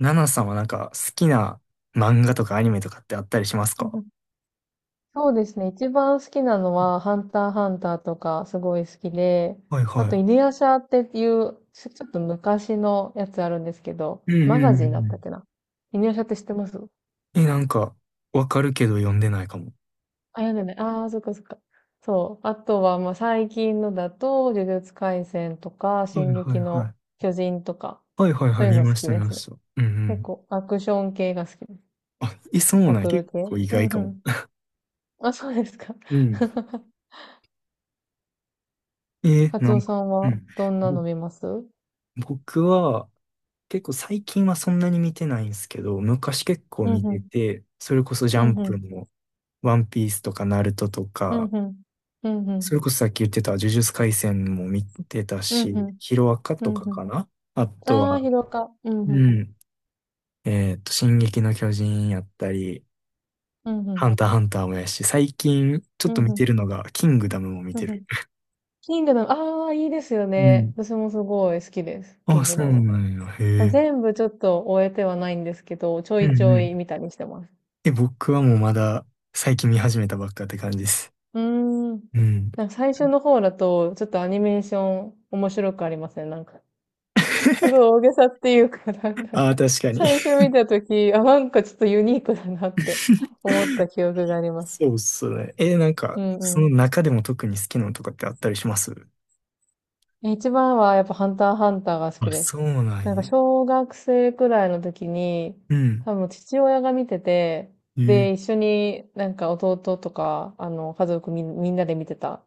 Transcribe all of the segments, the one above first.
ナナさんはなんか好きな漫画とかアニメとかってあったりしますうんうか？んそうですね。一番好きなのは、ハンターハンターとか、すごい好きで、はいあと、は犬夜叉っていう、ちょっと昔のやつあるんですけど、い、うんうマんガうジンだんったっうけな。犬夜叉って知ってます？あ、ん。い。え、なんか、わかるけど読んでないかも。読んでない。ああ、そっかそっか。そう。あとは、まあ、最近のだと、呪術廻戦とか、はい進はい撃はい。の巨人とか、はいはいはそうい、いう見のま好しきたで見ますね。した。うんう結ん。構、アクション系が好きです。あ、え、そうバなんや、トル結系。構意うん外かうも。ん。あ、そうですか。うん。え、カツなオんさか、んうは、ん。どんなぼの見ます？僕は結構最近はそんなに見てないんですけど、昔結構うん見ふてん。て、それこそジャうンんふプん。もワンピースとかナルトとうんか、ふん。うんふそれん。こそさっき言ってた呪術廻戦も見てたうんふし、ん。ヒロアカうとんかふん。かな。あとああ、は、疲労か。うんふうんふん。ん、進撃の巨人やったり、うんふハん。ンターハンターもやし、最近ちょっうとんふ見てん。るのが、キングダムも見うんてふる。ん。キングダム、ああ、いいですようね。ん。私もすごい好きです。キあ、ングそダうム。なんや。へえ。全部ちょっと終えてはないんですけど、ちょうんいちょうん。い見たりしてます。え、僕はもうまだ最近見始めたばっかって感じです。うーん。うん。なんか最初の方だと、ちょっとアニメーション面白くありますね。なんか、すごい 大げさっていうか、なんだろう。ああ、確かに。最初見たとき、あ、なんかちょっとユニークだなって思った 記憶があります。そうっすね。え、なんか、うんそのう中でも特に好きなのとかってあったりします？ん。一番はやっぱハンターハンターが好きあ、です。そうななんんかや。小学生くらいの時に、うん。多分父親が見てて、ええ、で、一緒になんか弟とか、家族みんなで見てた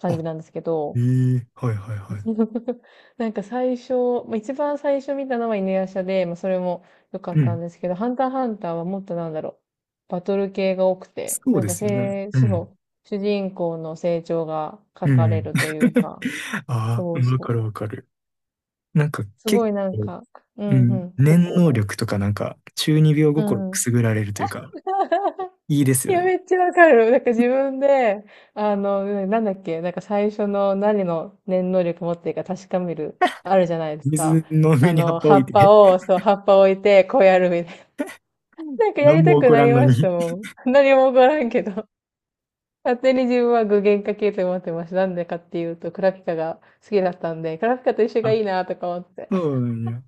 感あ、じなんですけえど、え、はいはいはい。なんか最初、まあ、一番最初見たのは犬夜叉で、まあ、それも良かうったん。んですけど、ハンターハンターはもっとなんだろう、バトル系が多くて、そうなんでかすよね。せいう主ん。の主人公の成長が書うかれん。るというか、あそあ、うわかそう。るわかる。なんかすご結いなん構、か、ううんうん、ん、結念構、能力とかなんか中二病う心くん。すぐられるというか、いいですいよや、ね。めっちゃわかる。なんか自分で、なんだっけ、なんか最初の何の念能力持ってるか確かめる、あるじゃないですか。水の上に葉っぱ置いて、葉っぱ置いて、こうやるみたいな。なんかや何りたも起くこならりんのましたに。もん。何も起こらんけど。勝手に自分は具現化系と思ってました。なんでかっていうと、クラピカが好きだったんで、クラピカと一緒 があ、いいなとか思って。そうなんや。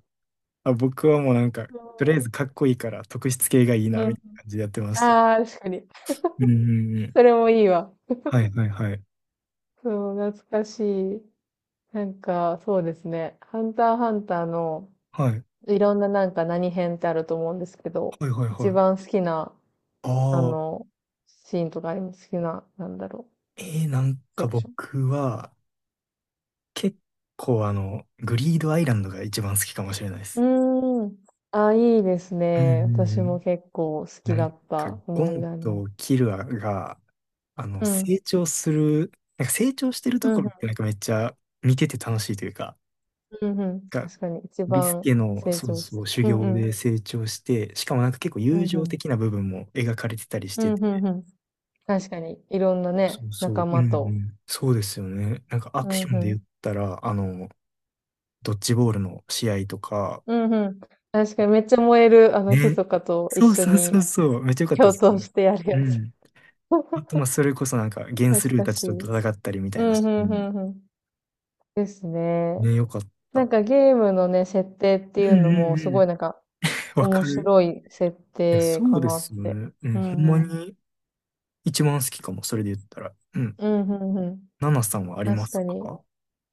あ、僕はもうなんか、とりあえず かっこいいから特質系がいいな、うん。みたいな感じでやってました。ああ、確かに。うんうんうん。それもいいわ。はいはいはい。そう、懐かしい。なんか、そうですね。ハンターハンターの、はい。いろんななんか何編ってあると思うんですけど、はいはい一はい。番好きな、あああ。の、シーンとかあります？好きな、なんだろなんう、セかクショ僕は、結構あの、グリードアイランドが一番好きかもしれないでン。す。うーん。あ、いいですうんうね。んう私もん。結構好きなんだっか、たゴ思いン出ありまとす。キルアが、あの、うん。成長する、なんか成長してるうとんうころっん。てなんかめっちゃ見てて楽しいというか、うんうん。が、確かに、一ビス番ケの、成そう長しそて。う、修うん行うん。で成長して、しかもなんか結構う友んう情ん。的な部分も描かれてたりしうんて、うんうん。確かに、いろんなね、そうそ仲う、うん間うと。ん。そうですよね。なんかアうクんションでう言ん。ったら、あの、ドッジボールの試合とか、うんうん。確かにめっちゃ燃える、ね。密かと一そう緒そうそにうそう。めっちゃ良かったで共す闘ね。してやるうやつ。ん。あと、まあ、それこそなんか、ゲン懐スルーかたちしとい。戦ったりみたういなん、うシーん、ンうん、うん。ですね。ね、良かっなんた。かゲームのね、設定っていううんのうも、んすうごいん。なんか、わ面かる。白い設いや、定そうかでなっすよて。ね。ううん。ほんん、まうん。に一番好きかも。それで言ったら。うん。うん、うん、うん。ナナさんはありま確すかに。か？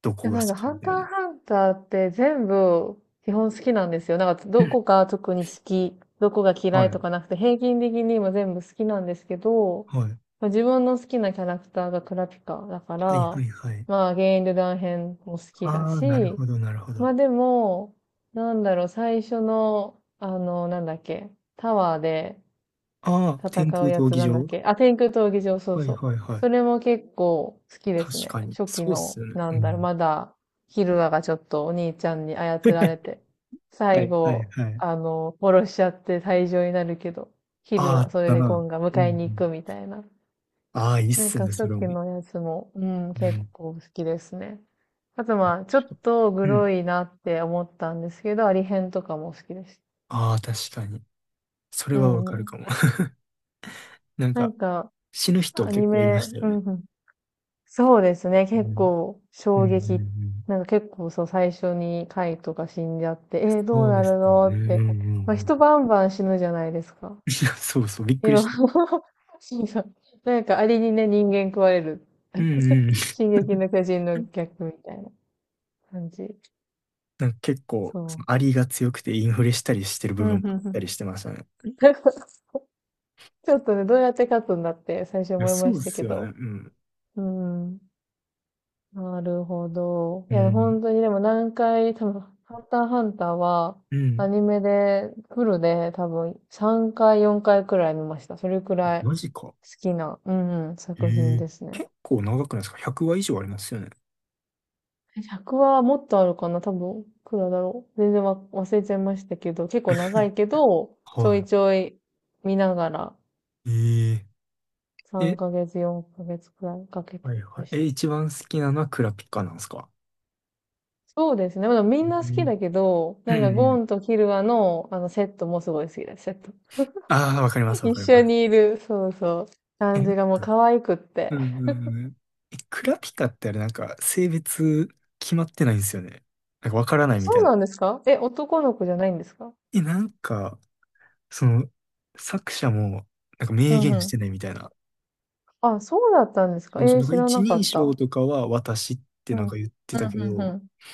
どでこもが好なんか、きハみンたタいーな。ハンターって全部基本好きなんですよ。なんか、うどん、こが特に好き、どこが嫌はいとい。かなくて、平均的に今全部好きなんですけど、はい。まあ、自分の好きなキャラクターがクラピカだかはいはら、いはい。まあ、ゲインルダン編も好きだああ、なるし、ほどなるほど。まああでも、なんだろう、最初の、なんだっけ、タワーで、あ、天戦空うや闘つ技なんだっ場。け？あ、天空闘技場、そうはいそう。はいはい。それも結構好きです確ね。かに。初そ期うっすの、よね。なうんだろう、ん。まだ、ヒルアがちょっとお兄ちゃんに操られ て、は最いはい後、はい。殺しちゃって退場になるけど、ヒああ、あルア、なっそれたでゴな。ンがうんう迎えに行ん。くみたいな。ああ、いいっなんすかね、そ初れはも期う。のやつも、うん、う結ん。構好きですね。あとまあ、ちょっとグうロん。いなって思ったんですけど、アリ編とかも好きです。ああ、確かに。それうはわんかうるかん。も。なんなか、んか、死ぬ人アニ結構いまメ、したようんね。うん、そうですね。う結ん、構うん、う衝ん、撃。うん。なんか結構そう最初に貝とか死んじゃって、えー、どうそうなでするね。のうんっうて。んうまあ、ん。人バンバン死ぬじゃないですか。そうそう、びっくいりろんしな た。そうそう、なんかアリにね、人間食われる。うん うん。進撃の巨人の逆みたいな感じ。なんか結構、そそのアリが強くてインフレしたりしてるう。部うん、分うもあっん、うたん。りしてましたね。ちょっとね、どうやって勝つんだって最初いや、思いまそうしでたすけよね。うど。ん。うん。なるほど。ういや、ん。本当にでも何回、多分、ハンターハンターは、うアん。ニメで、フルで多分3回、4回くらい見ました。それくらい好マジか。きな、うんうん、え作品え、ですね。結構長くないですか？ 100 話以上ありますよね。え100はもっとあるかな？多分、いくらだろう。全然忘れちゃいましたけど、結構長いけど、ちょいはちょい見ながら、い。ええ、え、3ヶ月、4ヶ月くらいかけてはいはまい。した。え、一番好きなのはクラピカなんですか？そうですね。まあ、みんなう好きんだけど、うなんんうかゴん。ンとキルアのあのセットもすごい好きです、セット。ああ、わかりま す、わ一かり緒ます。にいる、そうそう、え、う感じん、がもう可愛くって。うんうん。え、クラピカってあれなんか性別決まってないんですよね。なんかわからないみそたいうな。なんですか？え、男の子じゃないんですか？え、なんか、その、作者もなんかう明んう言してん。ないみたいな。あ、そうだったんですそか？うそえう、ー、なんか知ら一なか人っ称た。とかは私ってうん。なんか言ってうんたけうんど、う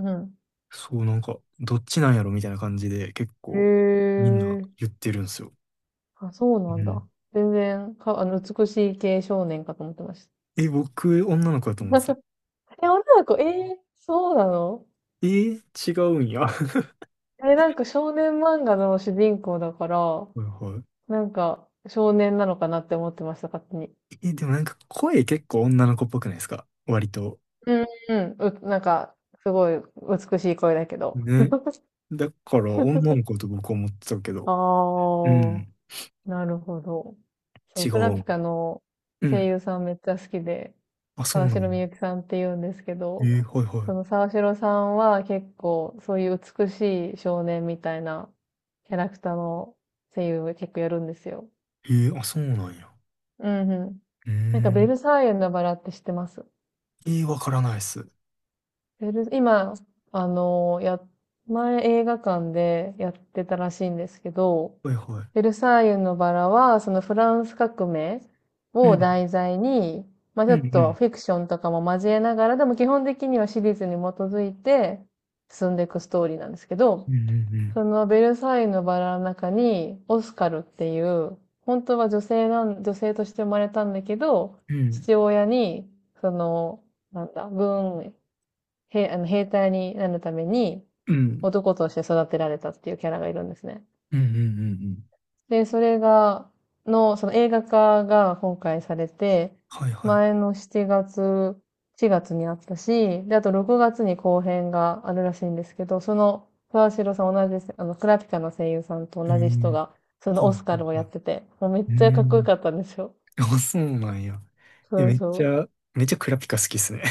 ん。うんそうなんか、どっちなんやろみたいな感じで結うん。構へみんんなえ。言ってるんですよ。あ、そうなんだ。全然、か、あの、美しい系少年かと思ってました。え、僕、女の子だと思ってた。え、女の子、えー、そうなの？えー、違うんや。はえ、なんか少年漫画の主人公だから、いはい。なんか、少年なのかなって思ってました、勝手に。え、でもなんか声結構女の子っぽくないですか？割と。なんか、すごい美しい声だけど。ね。だから女の子と僕は思ってたけど。あうん。あ、なるほど。そ違う、クラピう。カのう声ん。優さんめっちゃ好きで、あ、そう沢なん城や。みゆきさんって言うんですけど、えー、はいはその沢城さんは結構そういう美しい少年みたいなキャラクターの声優を結構やるんですよ。い。えー、あ、そうなんや。うんうん。うーなんかベん。ルサイユのバラって知ってます？えー、わからないっす。ベル今、あの、や、前映画館でやってたらしいんですけど、はいはベい。ルサイユのバラは、そのフランス革命うをん。題材に、まあうちょんうっとん。フィクションとかも交えながら、でも基本的にはシリーズに基づいて進んでいくストーリーなんですけど、うんうそのベルサイユのバラの中に、オスカルっていう、本当は女性なん、女性として生まれたんだけど、んうん。うん。父親に、その、なんだ、文へ、あの、兵隊になるためにうん男として育てられたっていうキャラがいるんですね。うんうんうんうん。で、その映画化が今回されて、はいはい。前の7月、4月にあったし、で、あと6月に後編があるらしいんですけど、その、沢城さん同じです、あの、クラピカの声優さんとえ同じ人ー、が、そのはいオはスいカルをやはい。ってて、もうめっうちゃかーっこよかん。ったんですよ。あ、そうなんや。え、そうめっちそう。ゃ、めっちゃクラピカ好きっすね。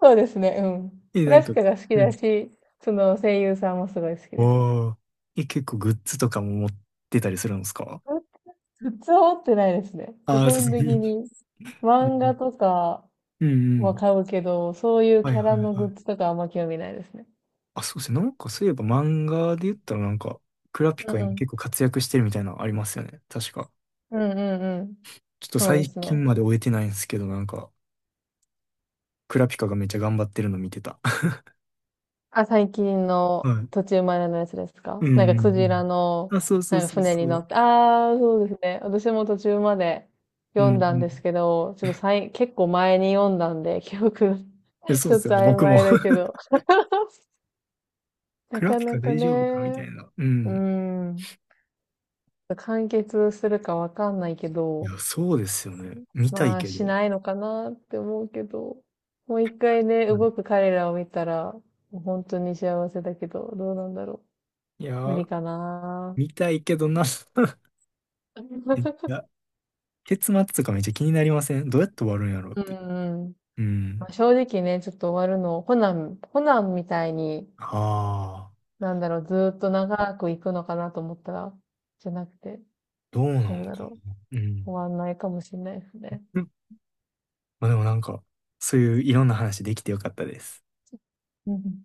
そうですね、うん。え、クなラんピか、カが好きうだん。し、その声優さんもすごい好きですね。おー。え、結構グッズとかも持ってたりするんですか？グッズ持ってないですね。基あ あー、さ本すが的に。に漫画 とかえ、うんうはん。買うけど、そういうはいキャはラいはのグい。ッズとかあんま興味ないですね。あ、そうですね。なんかそういえば漫画で言ったらなんか、クラピうんカう今ん。結構活躍してるみたいなのありますよね。確か。うんうんうん。ちょっとそうで最すね。近まで終えてないんですけど、なんか、クラピカがめっちゃ頑張ってるの見てた。あ、最近 のはい。途中までのやつですか？うんなんかうクんジラうん。の、あ、そうそうなんかそう船そに乗う。って、ああ、そうですね。私も途中までう読んうんだんん。いですけど、ちょっとさい、結構前に読んだんで、記憶や、が そうちでょっすよとね。曖僕も。昧だけ ど。なクラかピカなか大丈夫かみたね。ういな。うーん。ん。完結するかわかんないけいど、や、そうですよね。見たいまあけしど。ないのかなって思うけど、もう一回ね、はい。動く彼らを見たら、もう本当に幸せだけど、どうなんだろいやう。無理ー、かな。見たいけどな。い や、結末とかめっちゃ気になりません？どうやって終わるんやろうっうて。んうん。うまん。あ、正直ね、ちょっと終わるの、コナン、コナンみたいに、ああ、なんだろう、ずーっと長く行くのかなと思ったら、じゃなくて、どうなのどうだかろな。うん。う。終わんないかもしれないですね。うん、まあでもなんか、そういういろんな話できてよかったです。うんうん